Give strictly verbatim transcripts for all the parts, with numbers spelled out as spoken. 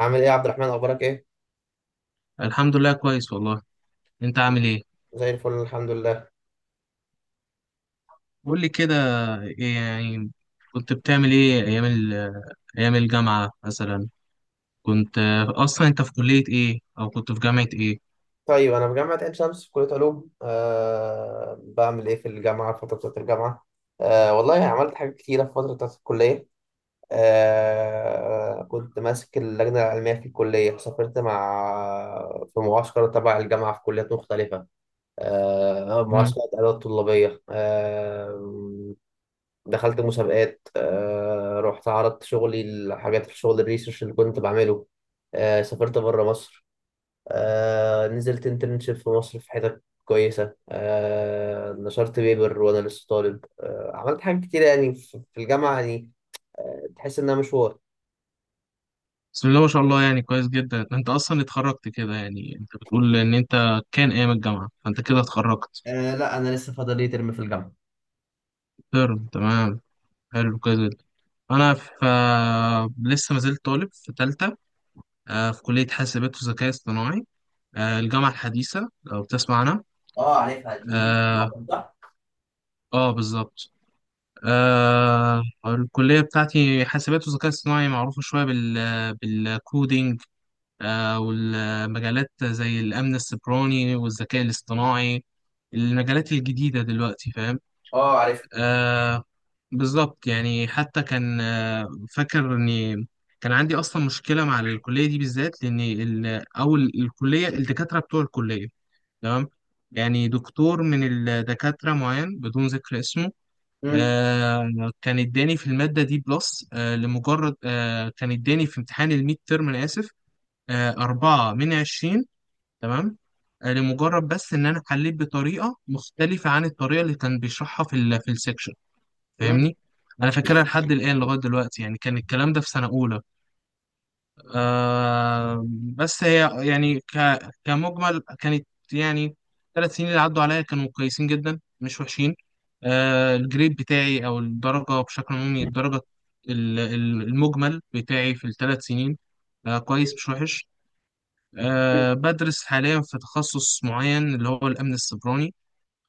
عامل ايه يا عبد الرحمن اخبارك ايه؟ الحمد لله كويس والله. انت عامل ايه؟ زي الفل الحمد لله. قول لي كده، ايه يعني؟ كنت بتعمل ايه ايام ال- ايام الجامعة مثلا؟ كنت آه، اصلا انت في كلية ايه او كنت في جامعة ايه؟ طيب انا في جامعه عين شمس في كليه علوم. أه بعمل ايه في الجامعه في فتره بتاعه الجامعه؟ أه والله عملت حاجات كتيره في فتره بتاعه الكليه. أه كنت ماسك اللجنه العلميه في الكليه، سافرت مع في معسكر تبع الجامعه في كليات مختلفه، أه مم. معسكرات ادوات طلابيه. أه دخلت مسابقات، أه رحت عرضت شغلي الحاجات في شغل الريسيرش اللي كنت بعمله. آه، سافرت بره مصر. آه نزلت انترنشيب في مصر في حتت كويسة. آه نشرت بيبر وأنا لسه طالب. آه عملت حاجات كتير يعني في في الجامعة يعني، تحس إنها مشوار. بسم الله ما شاء الله، يعني كويس جدا. انت اصلا اتخرجت كده؟ يعني انت بتقول ان انت كان ايام الجامعة، فانت كده اتخرجت. آه لا، أنا لسه فاضل لي ترم في الجامعة. ترم، تمام. حلو، كويس جدا. انا في آه، لسه ما زلت طالب في تالتة. آه، في كلية حاسبات وذكاء اصطناعي. آه، الجامعة الحديثة لو بتسمع اه عارفها دي، عنها. صح؟ اه، بالظبط. آه الكلية بتاعتي حاسبات وذكاء اصطناعي معروفة شوية بال بالكودينج. آه والمجالات زي الأمن السيبراني والذكاء الاصطناعي، المجالات الجديدة دلوقتي، فاهم؟ اه عارفها. آه. بالظبط، يعني حتى كان آه فاكر إني كان عندي أصلا مشكلة مع الكلية دي بالذات، لأن ال- أول الكلية الدكاترة بتوع الكلية. تمام. يعني دكتور من الدكاترة معين بدون ذكر اسمه. مم. آه كان اداني في المادة دي بلس، آه لمجرد آه كان اداني في امتحان الميد ترم، أنا آسف، آه أربعة من عشرين. تمام. آه لمجرد بس إن أنا حليت بطريقة مختلفة عن الطريقة اللي كان بيشرحها في ال في السكشن، مم. فاهمني؟ أنا فاكرها لحد الآن لغاية دلوقتي، يعني كان الكلام ده في سنة أولى. آه بس هي يعني ك... كمجمل كانت، يعني، ثلاث سنين اللي عدوا عليا كانوا كويسين جدا، مش وحشين. آه الجريد بتاعي أو الدرجة بشكل عمومي الدرجة، ال- ال- المجمل بتاعي في الثلاث سنين، آه كويس مش وحش. آه بدرس حاليا في تخصص معين اللي هو الأمن السيبراني.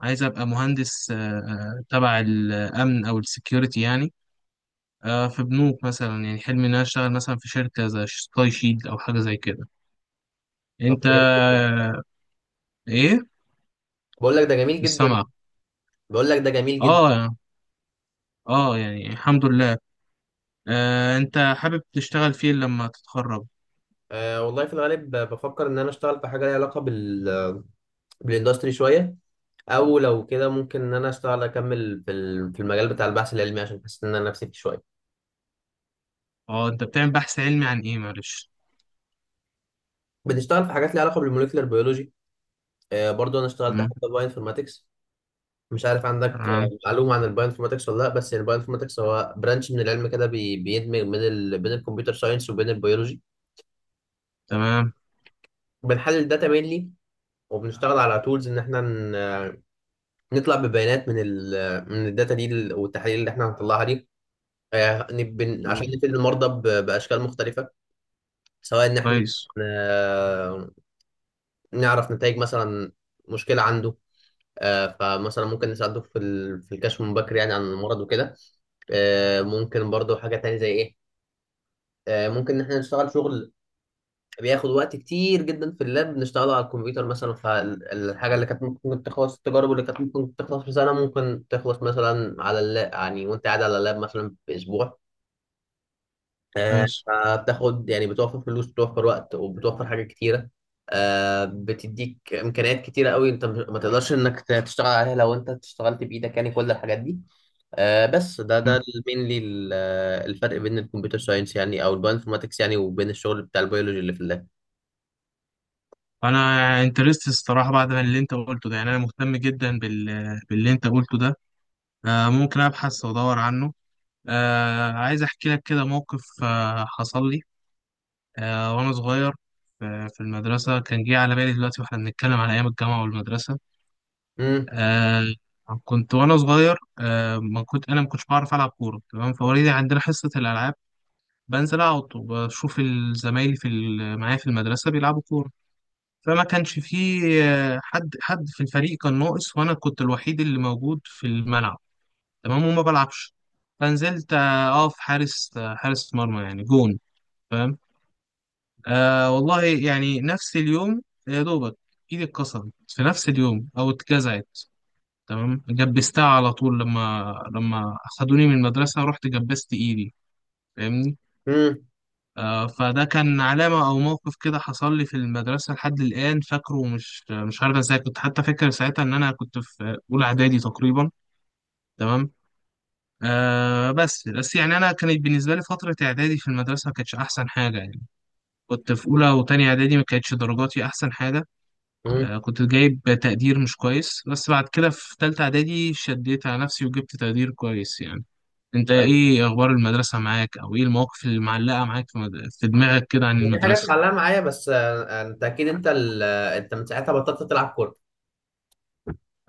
عايز أبقى مهندس آه آه، تبع الأمن أو السكيورتي يعني. آه في بنوك مثلا، يعني حلمي إن أنا أشتغل مثلا في شركة زي سكاي شيلد أو حاجة زي كده. طب انت كلام. ايه؟ بقول لك ده جميل مش جدا. سامعك. بقول لك ده جميل جدا. اه، اه، يعني الحمد لله. آه انت حابب تشتغل فين لما تتخرج؟ آه والله في الغالب ب- بفكر ان انا اشتغل في حاجه ليها علاقه بال بالاندستري شويه، او لو كده ممكن ان انا اشتغل اكمل في ال- في المجال بتاع البحث العلمي عشان حاسس ان انا نفسي فيه شويه. اه، انت بتعمل بحث علمي عن ايه، معلش؟ بتشتغل في حاجات ليها علاقه بالموليكولر بيولوجي. آه برضو انا اشتغلت مم، حتى باينفورماتكس. مش عارف عندك، تمام. آه، معلومه عن الباينفورماتكس ولا لا، بس الباينفورماتكس هو برانش من العلم كده بي- بيدمج بين ال... بين الكمبيوتر ساينس وبين البيولوجي. تمام، بنحلل الداتا مينلي، وبنشتغل على تولز ان احنا ن... آه، نطلع ببيانات من ال... من الداتا دي لل- والتحاليل اللي احنا هنطلعها دي، آه، نب- عشان تمام، نفيد المرضى ب... باشكال مختلفه، سواء ان احنا، كويس، آه، نعرف نتائج مثلا مشكله عنده. آه، فمثلا ممكن نساعده في ال- في الكشف المبكر يعني عن المرض وكده. آه، ممكن برضو حاجه تانية زي ايه؟ آه، ممكن ان احنا نشتغل شغل بياخد وقت كتير جدا في اللاب، نشتغله على الكمبيوتر مثلا، فالحاجه اللي كانت ممكن تخلص التجارب اللي كانت ممكن تخلص في سنه ممكن تخلص مثلا على اللاب يعني، وانت قاعد على اللاب مثلا باسبوع. آه، كويس. فبتاخد يعني، بتوفر فلوس بتوفر وقت وبتوفر حاجات كتيرة. آه، بتديك إمكانيات كتيرة قوي أنت مش- ما تقدرش إنك ت- تشتغل عليها لو أنت اشتغلت بإيدك يعني، كل الحاجات دي. آه، بس ده مم. ده المينلي، الفرق بين الكمبيوتر ساينس يعني أو البايوانفورماتكس يعني وبين الشغل بتاع البيولوجي اللي في اللاب. انا انترست الصراحه بعد ما اللي انت قلته ده، يعني انا مهتم جدا بال... باللي انت قلته ده. آه ممكن ابحث وادور عنه. آه عايز احكي لك كده موقف آه حصل لي، آه، وأنا صغير في في المدرسة. كان جه على بالي دلوقتي وإحنا بنتكلم على أيام الجامعة والمدرسة. مم، آه، كنت وأنا صغير، آه، ما كنت أنا ما كنتش بعرف ألعب كورة، تمام. فوالدي عندنا حصة الألعاب بنزل أقعد وبشوف زمايلي في ال- معايا في المدرسة بيلعبوا كورة. فما كانش فيه آه، حد حد في الفريق كان ناقص، وأنا كنت الوحيد اللي موجود في الملعب، تمام، وما بلعبش. فنزلت آه، أقف حارس، آه، حارس مرمى يعني، جون. آه والله يعني نفس اليوم، يا دوبك، ايدي اتكسرت في نفس اليوم او اتجزعت. تمام. جبستها على طول، لما لما اخدوني من المدرسة رحت جبست ايدي، فاهمني. مم، آه فده كان علامة او موقف كده حصل لي في المدرسة لحد الآن فاكره، ومش مش عارف ازاي كنت حتى فاكر ساعتها ان انا كنت في اولى اعدادي تقريبا، تمام. آه بس بس يعني انا كانت بالنسبه لي فتره اعدادي في المدرسه ما كانتش احسن حاجه، يعني كنت في اولى وتانية اعدادي ما كانتش درجاتي احسن حاجه. مم. آه، كنت جايب تقدير مش كويس، بس بعد كده في تالتة إعدادي شديت على نفسي وجبت تقدير كويس يعني. أنت أنت- إيه أخبار المدرسة معاك، أو إيه المواقف اللي معلقة معاك في مد- في دماغك كده عن في حاجات المدرسة؟ معلقة معايا، بس آه، أنت أكيد أنت ال- أنت من ساعتها بطلت تلعب كورة؟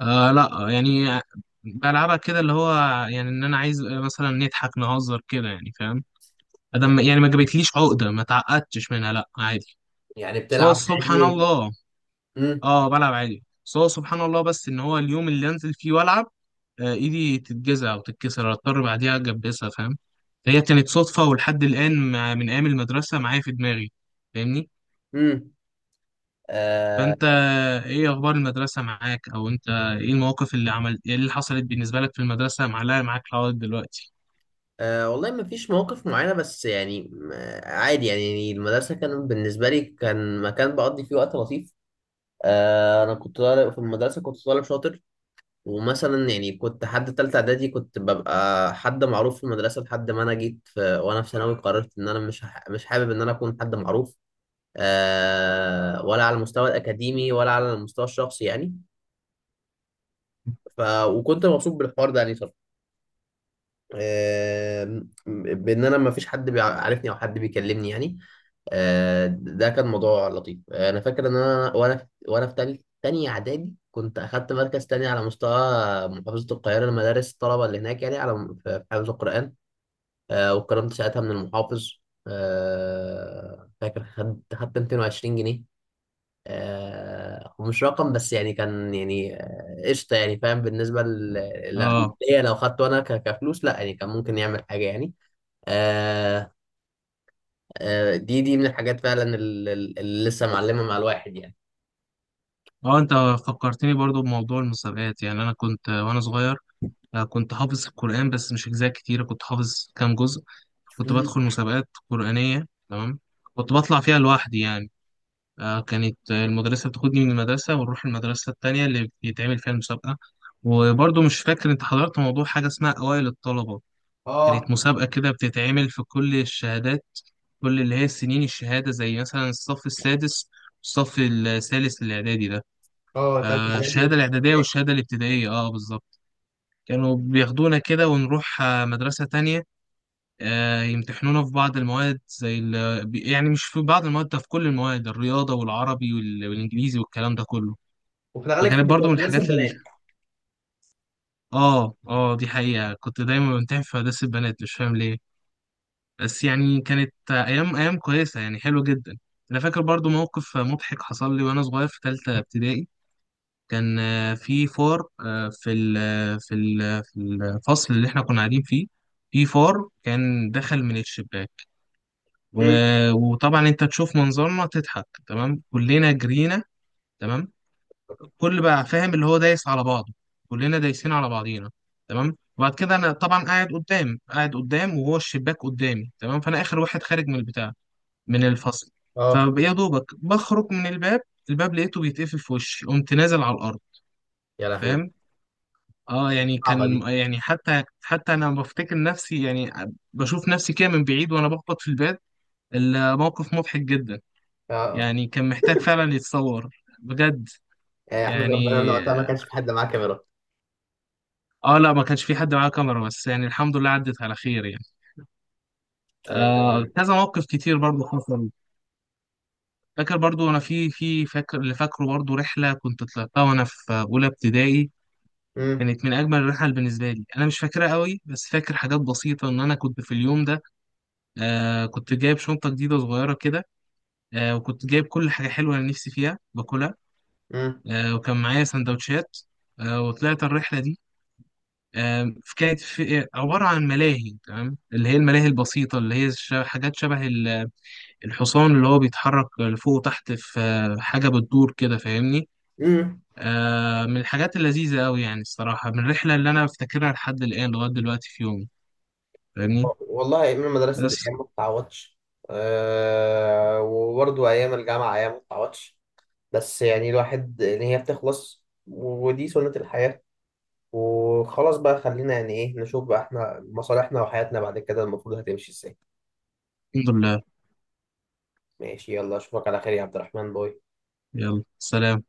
آه لأ يعني بلعبها كده، اللي هو يعني إن أنا عايز مثلا نضحك نهزر كده، يعني فاهم؟ أدم يعني ما جابتليش عقدة، ما تعقدتش منها، لأ عادي. يعني بس هو بتلعب سبحان عادي و- الله. مم، اه، بلعب عادي، بس هو سبحان الله، بس ان هو اليوم اللي انزل فيه والعب، آه، ايدي تتجزع او تتكسر، اضطر بعديها اجبسها، فاهم. هي كانت صدفه ولحد الان، مع، من ايام المدرسه معايا في دماغي، فاهمني. مم. آه، فانت ايه اخبار المدرسه معاك، او انت ايه المواقف اللي عملت ايه اللي حصلت بالنسبه لك في المدرسه معلقه معاك لغايه دلوقتي؟ أه والله ما فيش مواقف معينة، بس يعني م- عادي يعني. يعني المدرسة كان بالنسبة لي كان مكان بقضي فيه وقت لطيف. أه أنا كنت طالب في المدرسة، كنت طالب شاطر. ومثلا يعني كنت حد تالتة إعدادي كنت ببقى حد معروف في المدرسة، لحد ما أنا جيت في وأنا في ثانوي قررت إن أنا مش ح- مش حابب إن أنا أكون حد معروف، أه ولا على المستوى الأكاديمي ولا على المستوى الشخصي يعني. ف وكنت مبسوط بالحوار ده يعني صراحة. آه، بان انا ما فيش حد بيعرفني او حد بيكلمني يعني. آه، ده كان موضوع لطيف. آه، انا فاكر ان انا وانا في وانا في تالت تاني اعدادي كنت اخدت مركز تاني على مستوى محافظه القاهره لمدارس الطلبه اللي هناك يعني، على في حفظ القران. آه، واتكرمت ساعتها من المحافظ. آه، فاكر خدت خدت مائتين وعشرين جنيه. آه، هو مش رقم، بس يعني كان يعني، آه، قشطة يعني، فاهم؟ بالنسبة ل- ل- اه. ليا لو خدته أنا ك- كفلوس، لا يعني كان ممكن يعمل حاجة يعني. آه، آه، دي دي من الحاجات فعلا ال- ال- اللي لسه معلمة مع الواحد يعني. اه، انت فكرتني برضو بموضوع المسابقات. يعني انا كنت وانا صغير، آه، كنت حافظ القران، بس مش اجزاء كتيره، كنت حافظ كام جزء. كنت مم. بدخل مسابقات قرآنية، تمام. كنت بطلع فيها لوحدي يعني. آه كانت المدرسة بتاخدني من المدرسة ونروح المدرسة التانية اللي بيتعمل فيها المسابقة. وبرضه مش فاكر، انت حضرت موضوع حاجة اسمها أوائل الطلبة؟ كانت اه. مسابقة كده بتتعمل في كل الشهادات، كل اللي هي السنين الشهادة، زي مثلا الصف السادس والصف الثالث الإعدادي ده. اه تلات آه حاجات دي، الشهادة وفي، الإعدادية والشهادة الابتدائية، اه بالظبط. كانوا بياخدونا كده ونروح آه، مدرسة تانية، آه، يمتحنونا في بعض المواد زي ال... بي- يعني مش في بعض المواد، ده في كل المواد، الرياضة والعربي وال... والإنجليزي والكلام ده كله. وفي الأغلب كانت فكانت بتبقى برضو من مناسب الحاجات ال... بنات. آه آه دي حقيقة كنت دايما بمتحن في هندسة البنات مش فاهم ليه، بس يعني كانت أيام، أيام كويسة، يعني حلوة جدا. أنا فاكر برضو موقف مضحك حصل لي وأنا صغير في تالتة ابتدائي، كان آه، في فار، آه، في ال... في ال... في الفصل اللي إحنا كنا قاعدين فيه، في فار كان دخل من الشباك، مم. و- وطبعا انت تشوف منظرنا تضحك، تمام، كلنا جرينا، تمام، كل بقى فاهم اللي هو دايس على بعضه، كلنا دايسين على بعضينا، تمام. وبعد كده انا طبعا قاعد قدام قاعد قدام وهو الشباك قدامي، تمام. فانا اخر واحد خارج من البتاع، من الفصل. اه. فيا دوبك بخرج من الباب، الباب لقيته بيتقفل في وشي، قمت نازل على الارض، يا لهوي، فاهم. اه يعني صعبة كان دي. يعني حتى حتى انا بفتكر نفسي، يعني بشوف نفسي كده من بعيد وانا بخبط في الباب، الموقف مضحك جدا. آه، يعني كان محتاج فعلا يتصور، بجد، آه، احمد يعني. ربنا إن وقتها ما كانش في حد معاه كاميرا. اه لا، ما كانش في حد معاه كاميرا، بس يعني الحمد لله عدت على خير يعني. آه، آه كذا موقف كتير برضو حصل. فاكر برضو انا في في فاكر اللي فاكره برضو رحله كنت طلعتها وانا في اولى ابتدائي، مم. كانت من اجمل الرحل بالنسبه لي. انا مش فاكرها قوي بس فاكر حاجات بسيطه، ان انا كنت في اليوم ده آه كنت جايب شنطه جديده صغيره كده، آه وكنت جايب كل حاجه حلوه انا نفسي فيها باكلها، مم. آه وكان معايا سندوتشات، آه، وطلعت الرحله دي. آم، في كانت في عبارة عن ملاهي، تمام، اللي هي الملاهي البسيطة اللي هي ش- حاجات شبه ال- الحصان اللي هو بيتحرك لفوق وتحت، في آه، حاجة بتدور كده، فاهمني. مم. آه، من الحاجات اللذيذة أوي، يعني الصراحة، من الرحلة اللي أنا أفتكرها لحد الآن لغاية دلوقتي في يومي، فاهمني. والله ايام المدرسه دي بس ايام ما تتعوضش. أه وبرضه ايام الجامعه ايام ما تتعوضش. بس يعني الواحد ان هي بتخلص، ودي سنه الحياه، وخلاص بقى، خلينا يعني ايه نشوف بقى احنا مصالحنا وحياتنا بعد كده المفروض هتمشي ازاي. الحمد لله. ماشي، يلا اشوفك على خير يا عبد الرحمن، باي. يلا سلام.